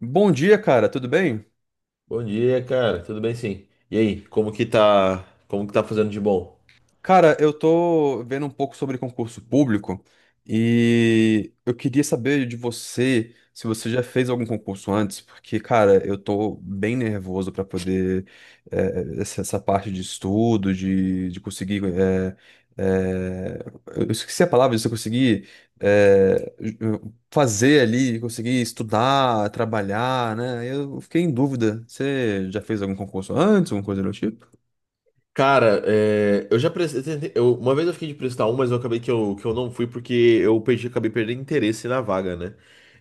Bom dia, cara, tudo bem? Bom dia, cara. Tudo bem, sim. E aí, como que tá, fazendo de bom? Cara, eu tô vendo um pouco sobre concurso público e eu queria saber de você se você já fez algum concurso antes, porque, cara, eu tô bem nervoso pra poder essa, essa parte de estudo, de conseguir. Eh, eu esqueci a palavra, de você conseguir eh, fazer ali, conseguir estudar, trabalhar, né? Eu fiquei em dúvida. Você já fez algum concurso antes, alguma coisa do tipo? Cara, eu já prestei, uma vez eu fiquei de prestar um, mas eu acabei que eu não fui porque eu perdi, acabei perdendo interesse na vaga, né?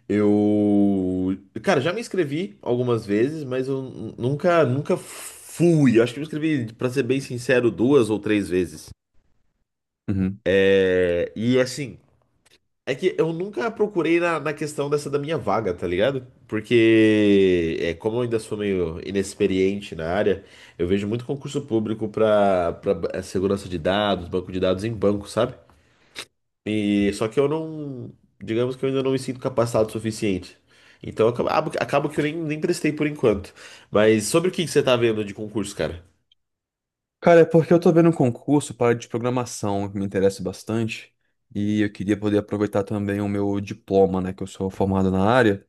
Eu, cara, já me inscrevi algumas vezes, mas eu nunca fui. Eu acho que me inscrevi, pra ser bem sincero, duas ou três vezes. Uhum. É, e assim, É que eu nunca procurei na questão dessa da minha vaga, tá ligado? Porque, como eu ainda sou meio inexperiente na área, eu vejo muito concurso público pra segurança de dados, banco de dados em banco, sabe? E só que eu não, digamos que eu ainda não me sinto capacitado o suficiente. Então acabo que eu nem prestei por enquanto. Mas sobre o que que você tá vendo de concurso, cara? Cara, é porque eu tô vendo um concurso para de programação que me interessa bastante e eu queria poder aproveitar também o meu diploma, né, que eu sou formado na área.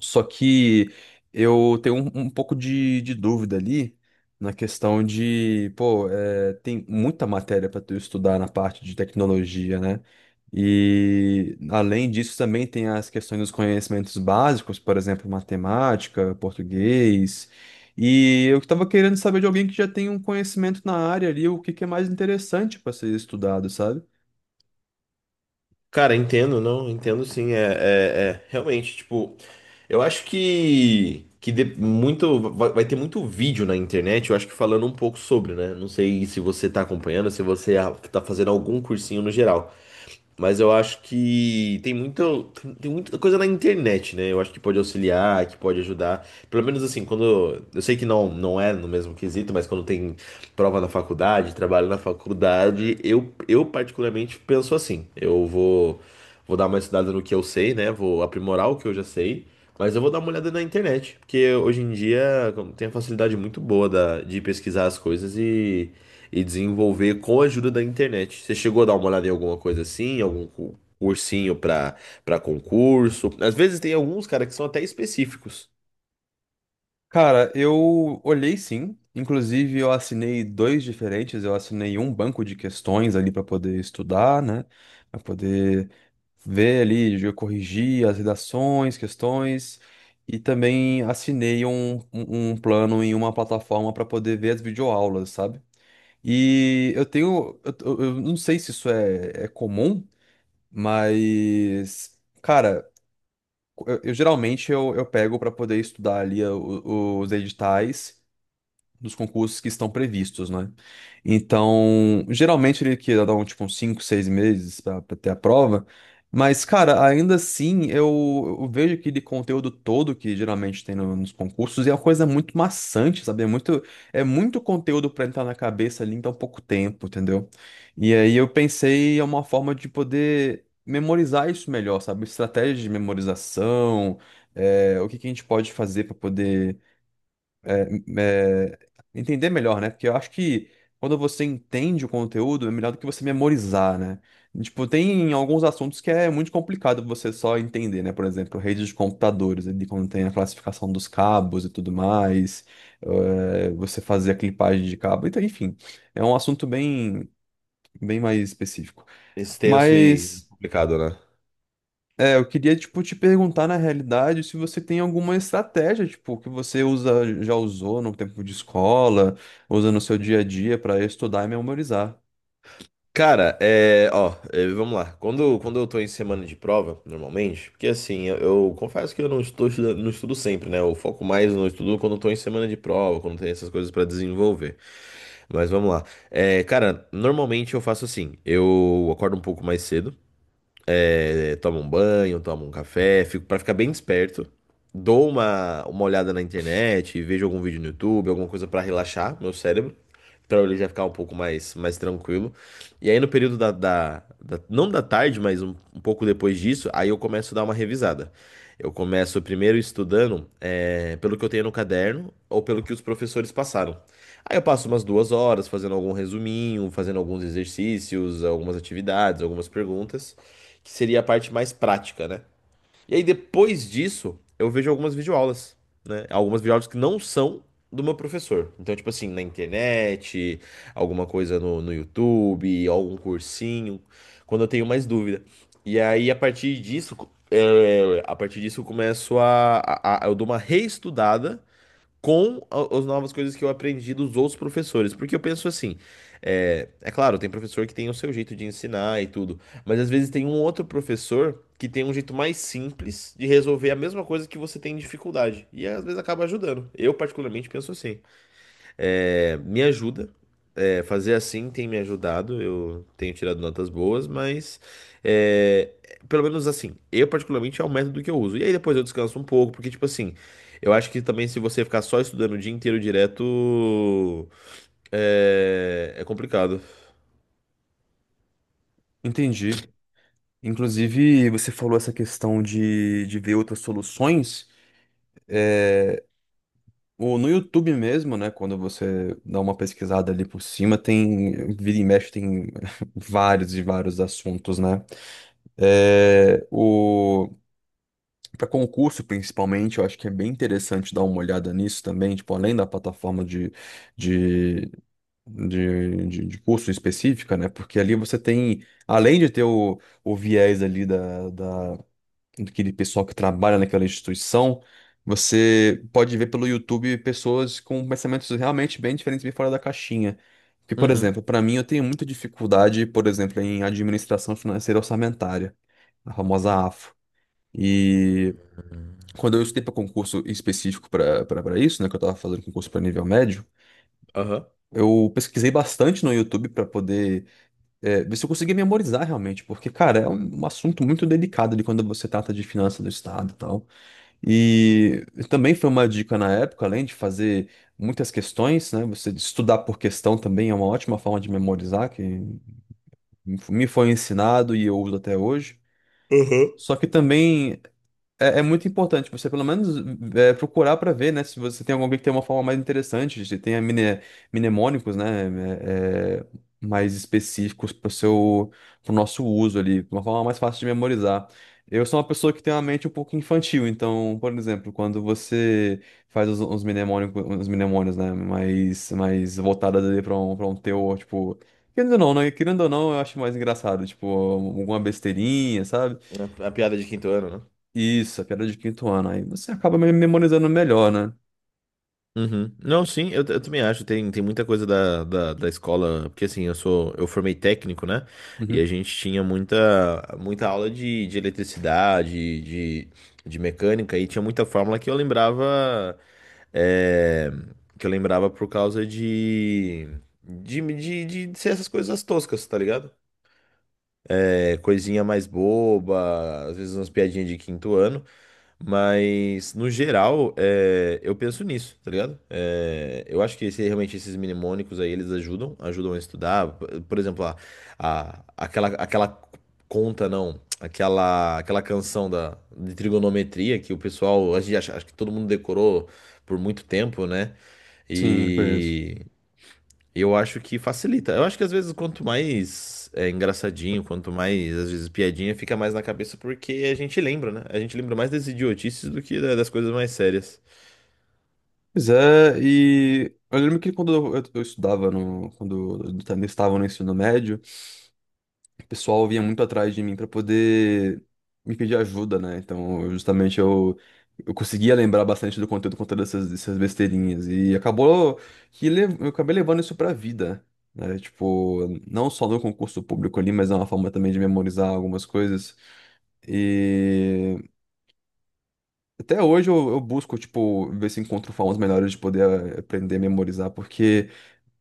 Só que eu tenho um pouco de dúvida ali na questão de, pô, é, tem muita matéria para tu estudar na parte de tecnologia, né? E além disso também tem as questões dos conhecimentos básicos, por exemplo, matemática, português. E eu estava querendo saber de alguém que já tem um conhecimento na área ali, o que que é mais interessante para ser estudado, sabe? Cara, entendo, não, entendo sim, realmente, tipo, eu acho que vai ter muito vídeo na internet, eu acho que falando um pouco sobre, né, não sei se você tá acompanhando, se você tá fazendo algum cursinho no geral, mas eu acho que tem muita coisa na internet, né, eu acho que pode auxiliar, que pode ajudar, pelo menos assim, quando, eu sei que não é no mesmo quesito, mas quando tem prova na faculdade, trabalho na faculdade, eu particularmente penso assim. Vou dar uma estudada no que eu sei, né? Vou aprimorar o que eu já sei, mas eu vou dar uma olhada na internet, porque hoje em dia como, tem a facilidade muito boa de pesquisar as coisas e desenvolver com a ajuda da internet. Você chegou a dar uma olhada em alguma coisa assim, cursinho para concurso? Às vezes tem alguns, cara, que são até específicos, Cara, eu olhei sim. Inclusive, eu assinei dois diferentes. Eu assinei um banco de questões ali para poder estudar, né? Para poder ver ali, eu corrigir as redações, questões. E também assinei um plano em uma plataforma para poder ver as videoaulas, sabe? E eu tenho. Eu não sei se isso é, é comum, mas. Cara, eu geralmente eu pego para poder estudar ali os editais dos concursos que estão previstos, né? Então, geralmente ele quer dar um, tipo, uns 5, 6 meses para ter a prova, mas, cara, ainda assim, eu vejo aquele conteúdo todo que geralmente tem nos concursos e é uma coisa muito maçante, sabe? É muito conteúdo para entrar na cabeça ali em tão pouco tempo, entendeu? E aí eu pensei em uma forma de poder memorizar isso melhor, sabe? Estratégia de memorização, é, o que que a gente pode fazer para poder é, entender melhor, né? Porque eu acho que quando você entende o conteúdo, é melhor do que você memorizar, né? Tipo, tem alguns assuntos que é muito complicado você só entender, né? Por exemplo, redes de computadores, ali quando tem a classificação dos cabos e tudo mais, você fazer a clipagem de cabo, então, enfim, é um assunto bem, bem mais específico. extenso e Mas. complicado, né? É, eu queria, tipo, te perguntar, na realidade, se você tem alguma estratégia, tipo, que você usa, já usou no tempo de escola, usa no seu dia a dia para estudar e memorizar. Cara, ó, vamos lá. Quando eu tô em semana de prova, normalmente, porque assim, eu confesso que eu não estou estudando, não estudo sempre, né? Eu foco mais no estudo quando eu tô em semana de prova, quando tem essas coisas pra desenvolver. Mas vamos lá. Cara, normalmente eu faço assim, eu acordo um pouco mais cedo, tomo um banho, tomo um café, fico para ficar bem desperto. Dou uma olhada na internet, vejo algum vídeo no YouTube, alguma coisa para relaxar meu cérebro, para ele já ficar mais tranquilo. E aí no período não da tarde, mas um pouco depois disso, aí eu começo a dar uma revisada. Eu começo primeiro estudando pelo que eu tenho no caderno ou pelo que os professores passaram. Aí eu passo umas duas horas fazendo algum resuminho, fazendo alguns exercícios, algumas atividades, algumas perguntas que seria a parte mais prática, né? E aí depois disso, eu vejo algumas videoaulas, né? Algumas videoaulas que não são do meu professor. Então, tipo assim, na internet, alguma coisa no YouTube, algum cursinho, quando eu tenho mais dúvida. E aí, a partir disso, eu começo a eu dou uma reestudada com as novas coisas que eu aprendi dos outros professores. Porque eu penso assim, é claro, tem professor que tem o seu jeito de ensinar e tudo, mas às vezes tem um outro professor que tem um jeito mais simples de resolver a mesma coisa que você tem dificuldade. E às vezes acaba ajudando. Eu particularmente penso assim, me ajuda. É, fazer assim tem me ajudado, eu tenho tirado notas boas, mas é, pelo menos assim, eu particularmente é o método que eu uso. E aí depois eu descanso um pouco, porque tipo assim, eu acho que também se você ficar só estudando o dia inteiro direto, é complicado. Entendi. Inclusive, você falou essa questão de ver outras soluções. É, o, no YouTube mesmo, né? Quando você dá uma pesquisada ali por cima, tem, vira e mexe, tem vários e vários assuntos, né? É, o... Para concurso, principalmente, eu acho que é bem interessante dar uma olhada nisso também, tipo, além da plataforma de, de curso específica, né? Porque ali você tem, além de ter o viés ali daquele pessoal que trabalha naquela instituição, você pode ver pelo YouTube pessoas com pensamentos realmente bem diferentes, bem fora da caixinha. Porque, por Uhum. exemplo, para mim, eu tenho muita dificuldade, por exemplo, em administração financeira orçamentária, a famosa AFO. E quando eu estudei para concurso específico para isso, né, que eu estava fazendo concurso para nível médio, Aham. eu pesquisei bastante no YouTube para poder ver se eu conseguia memorizar realmente, porque, cara, é um assunto muito delicado de quando você trata de finanças do Estado e tal. E também foi uma dica na época, além de fazer muitas questões, né, você estudar por questão também é uma ótima forma de memorizar, que me foi ensinado e eu uso até hoje. Uhum. Só que também é, é muito importante você, pelo menos, é, procurar para ver, né? Se você tem algum que tem uma forma mais interessante, se tem a mnemônicos, né? é, é, mais específicos para o seu, para nosso uso ali, uma forma mais fácil de memorizar. Eu sou uma pessoa que tem uma mente um pouco infantil, então, por exemplo, quando você faz os mnemônicos, os mnemônios, né? Mais voltadas ali para para um teor, tipo. Querendo ou não, né? Querendo ou não, eu acho mais engraçado, tipo, alguma besteirinha, A piada de quinto ano, né? isso, a piada de quinto ano. Aí você acaba memorizando melhor, né? Uhum. Não, sim, eu também acho. Tem muita coisa da escola, porque assim, eu formei técnico, né? E a Uhum. gente tinha muita aula de eletricidade, de mecânica, e tinha muita fórmula que eu lembrava, é, que eu lembrava por causa de, de ser essas coisas toscas, tá ligado? É, coisinha mais boba, às vezes umas piadinhas de quinto ano. Mas, no geral, eu penso nisso, tá ligado? É, eu acho que realmente esses mnemônicos aí, eles ajudam, ajudam a estudar. Por exemplo, aquela aquela canção de trigonometria que o pessoal, a gente acha, acho que todo mundo decorou por muito tempo, né? Sim, conheço. E eu acho que facilita. Eu acho que às vezes quanto mais engraçadinho, quanto mais, às vezes, piadinha, fica mais na cabeça porque a gente lembra, né? A gente lembra mais das idiotices do que das coisas mais sérias. Pois é, e eu lembro que quando eu estudava, no, quando eu também estava no ensino médio, o pessoal vinha muito atrás de mim para poder me pedir ajuda, né? Então, eu, justamente eu conseguia lembrar bastante do conteúdo com essas besteirinhas. E acabou que eu acabei levando isso pra vida, né? Tipo, não só no concurso público ali, mas é uma forma também de memorizar algumas coisas. E. Até hoje eu busco, tipo, ver se encontro formas melhores de poder aprender a memorizar, porque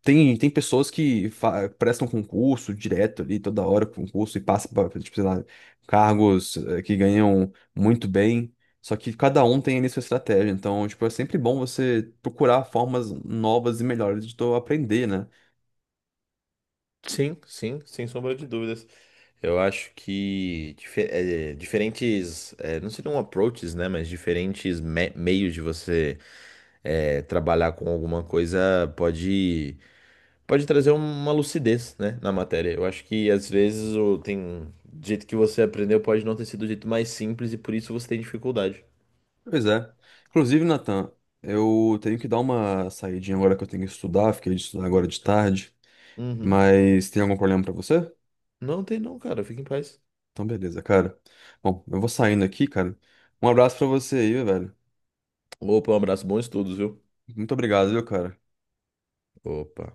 tem, tem pessoas que prestam concurso direto ali, toda hora concurso, e passam para, tipo, sei lá, cargos que ganham muito bem, só que cada um tem ali sua estratégia, então, tipo, é sempre bom você procurar formas novas e melhores de tu aprender, né? Sim, sim, sem sombra de dúvidas. Eu acho que diferentes, não seriam approaches, né? Mas diferentes meios de você trabalhar com alguma coisa pode, pode trazer um, uma lucidez, né, na matéria. Eu acho que às vezes o tem do jeito que você aprendeu pode não ter sido o jeito mais simples e por isso você tem dificuldade. Pois é. Inclusive, Nathan, eu tenho que dar uma saidinha agora que eu tenho que estudar, fiquei de estudar agora de tarde, Uhum. mas tem algum problema pra você? Não tem não, cara. Fica em paz. Então, beleza, cara. Bom, eu vou saindo aqui, cara. Um abraço pra você aí, velho. Opa, um abraço, bons estudos, viu? Muito obrigado, viu, cara? Opa.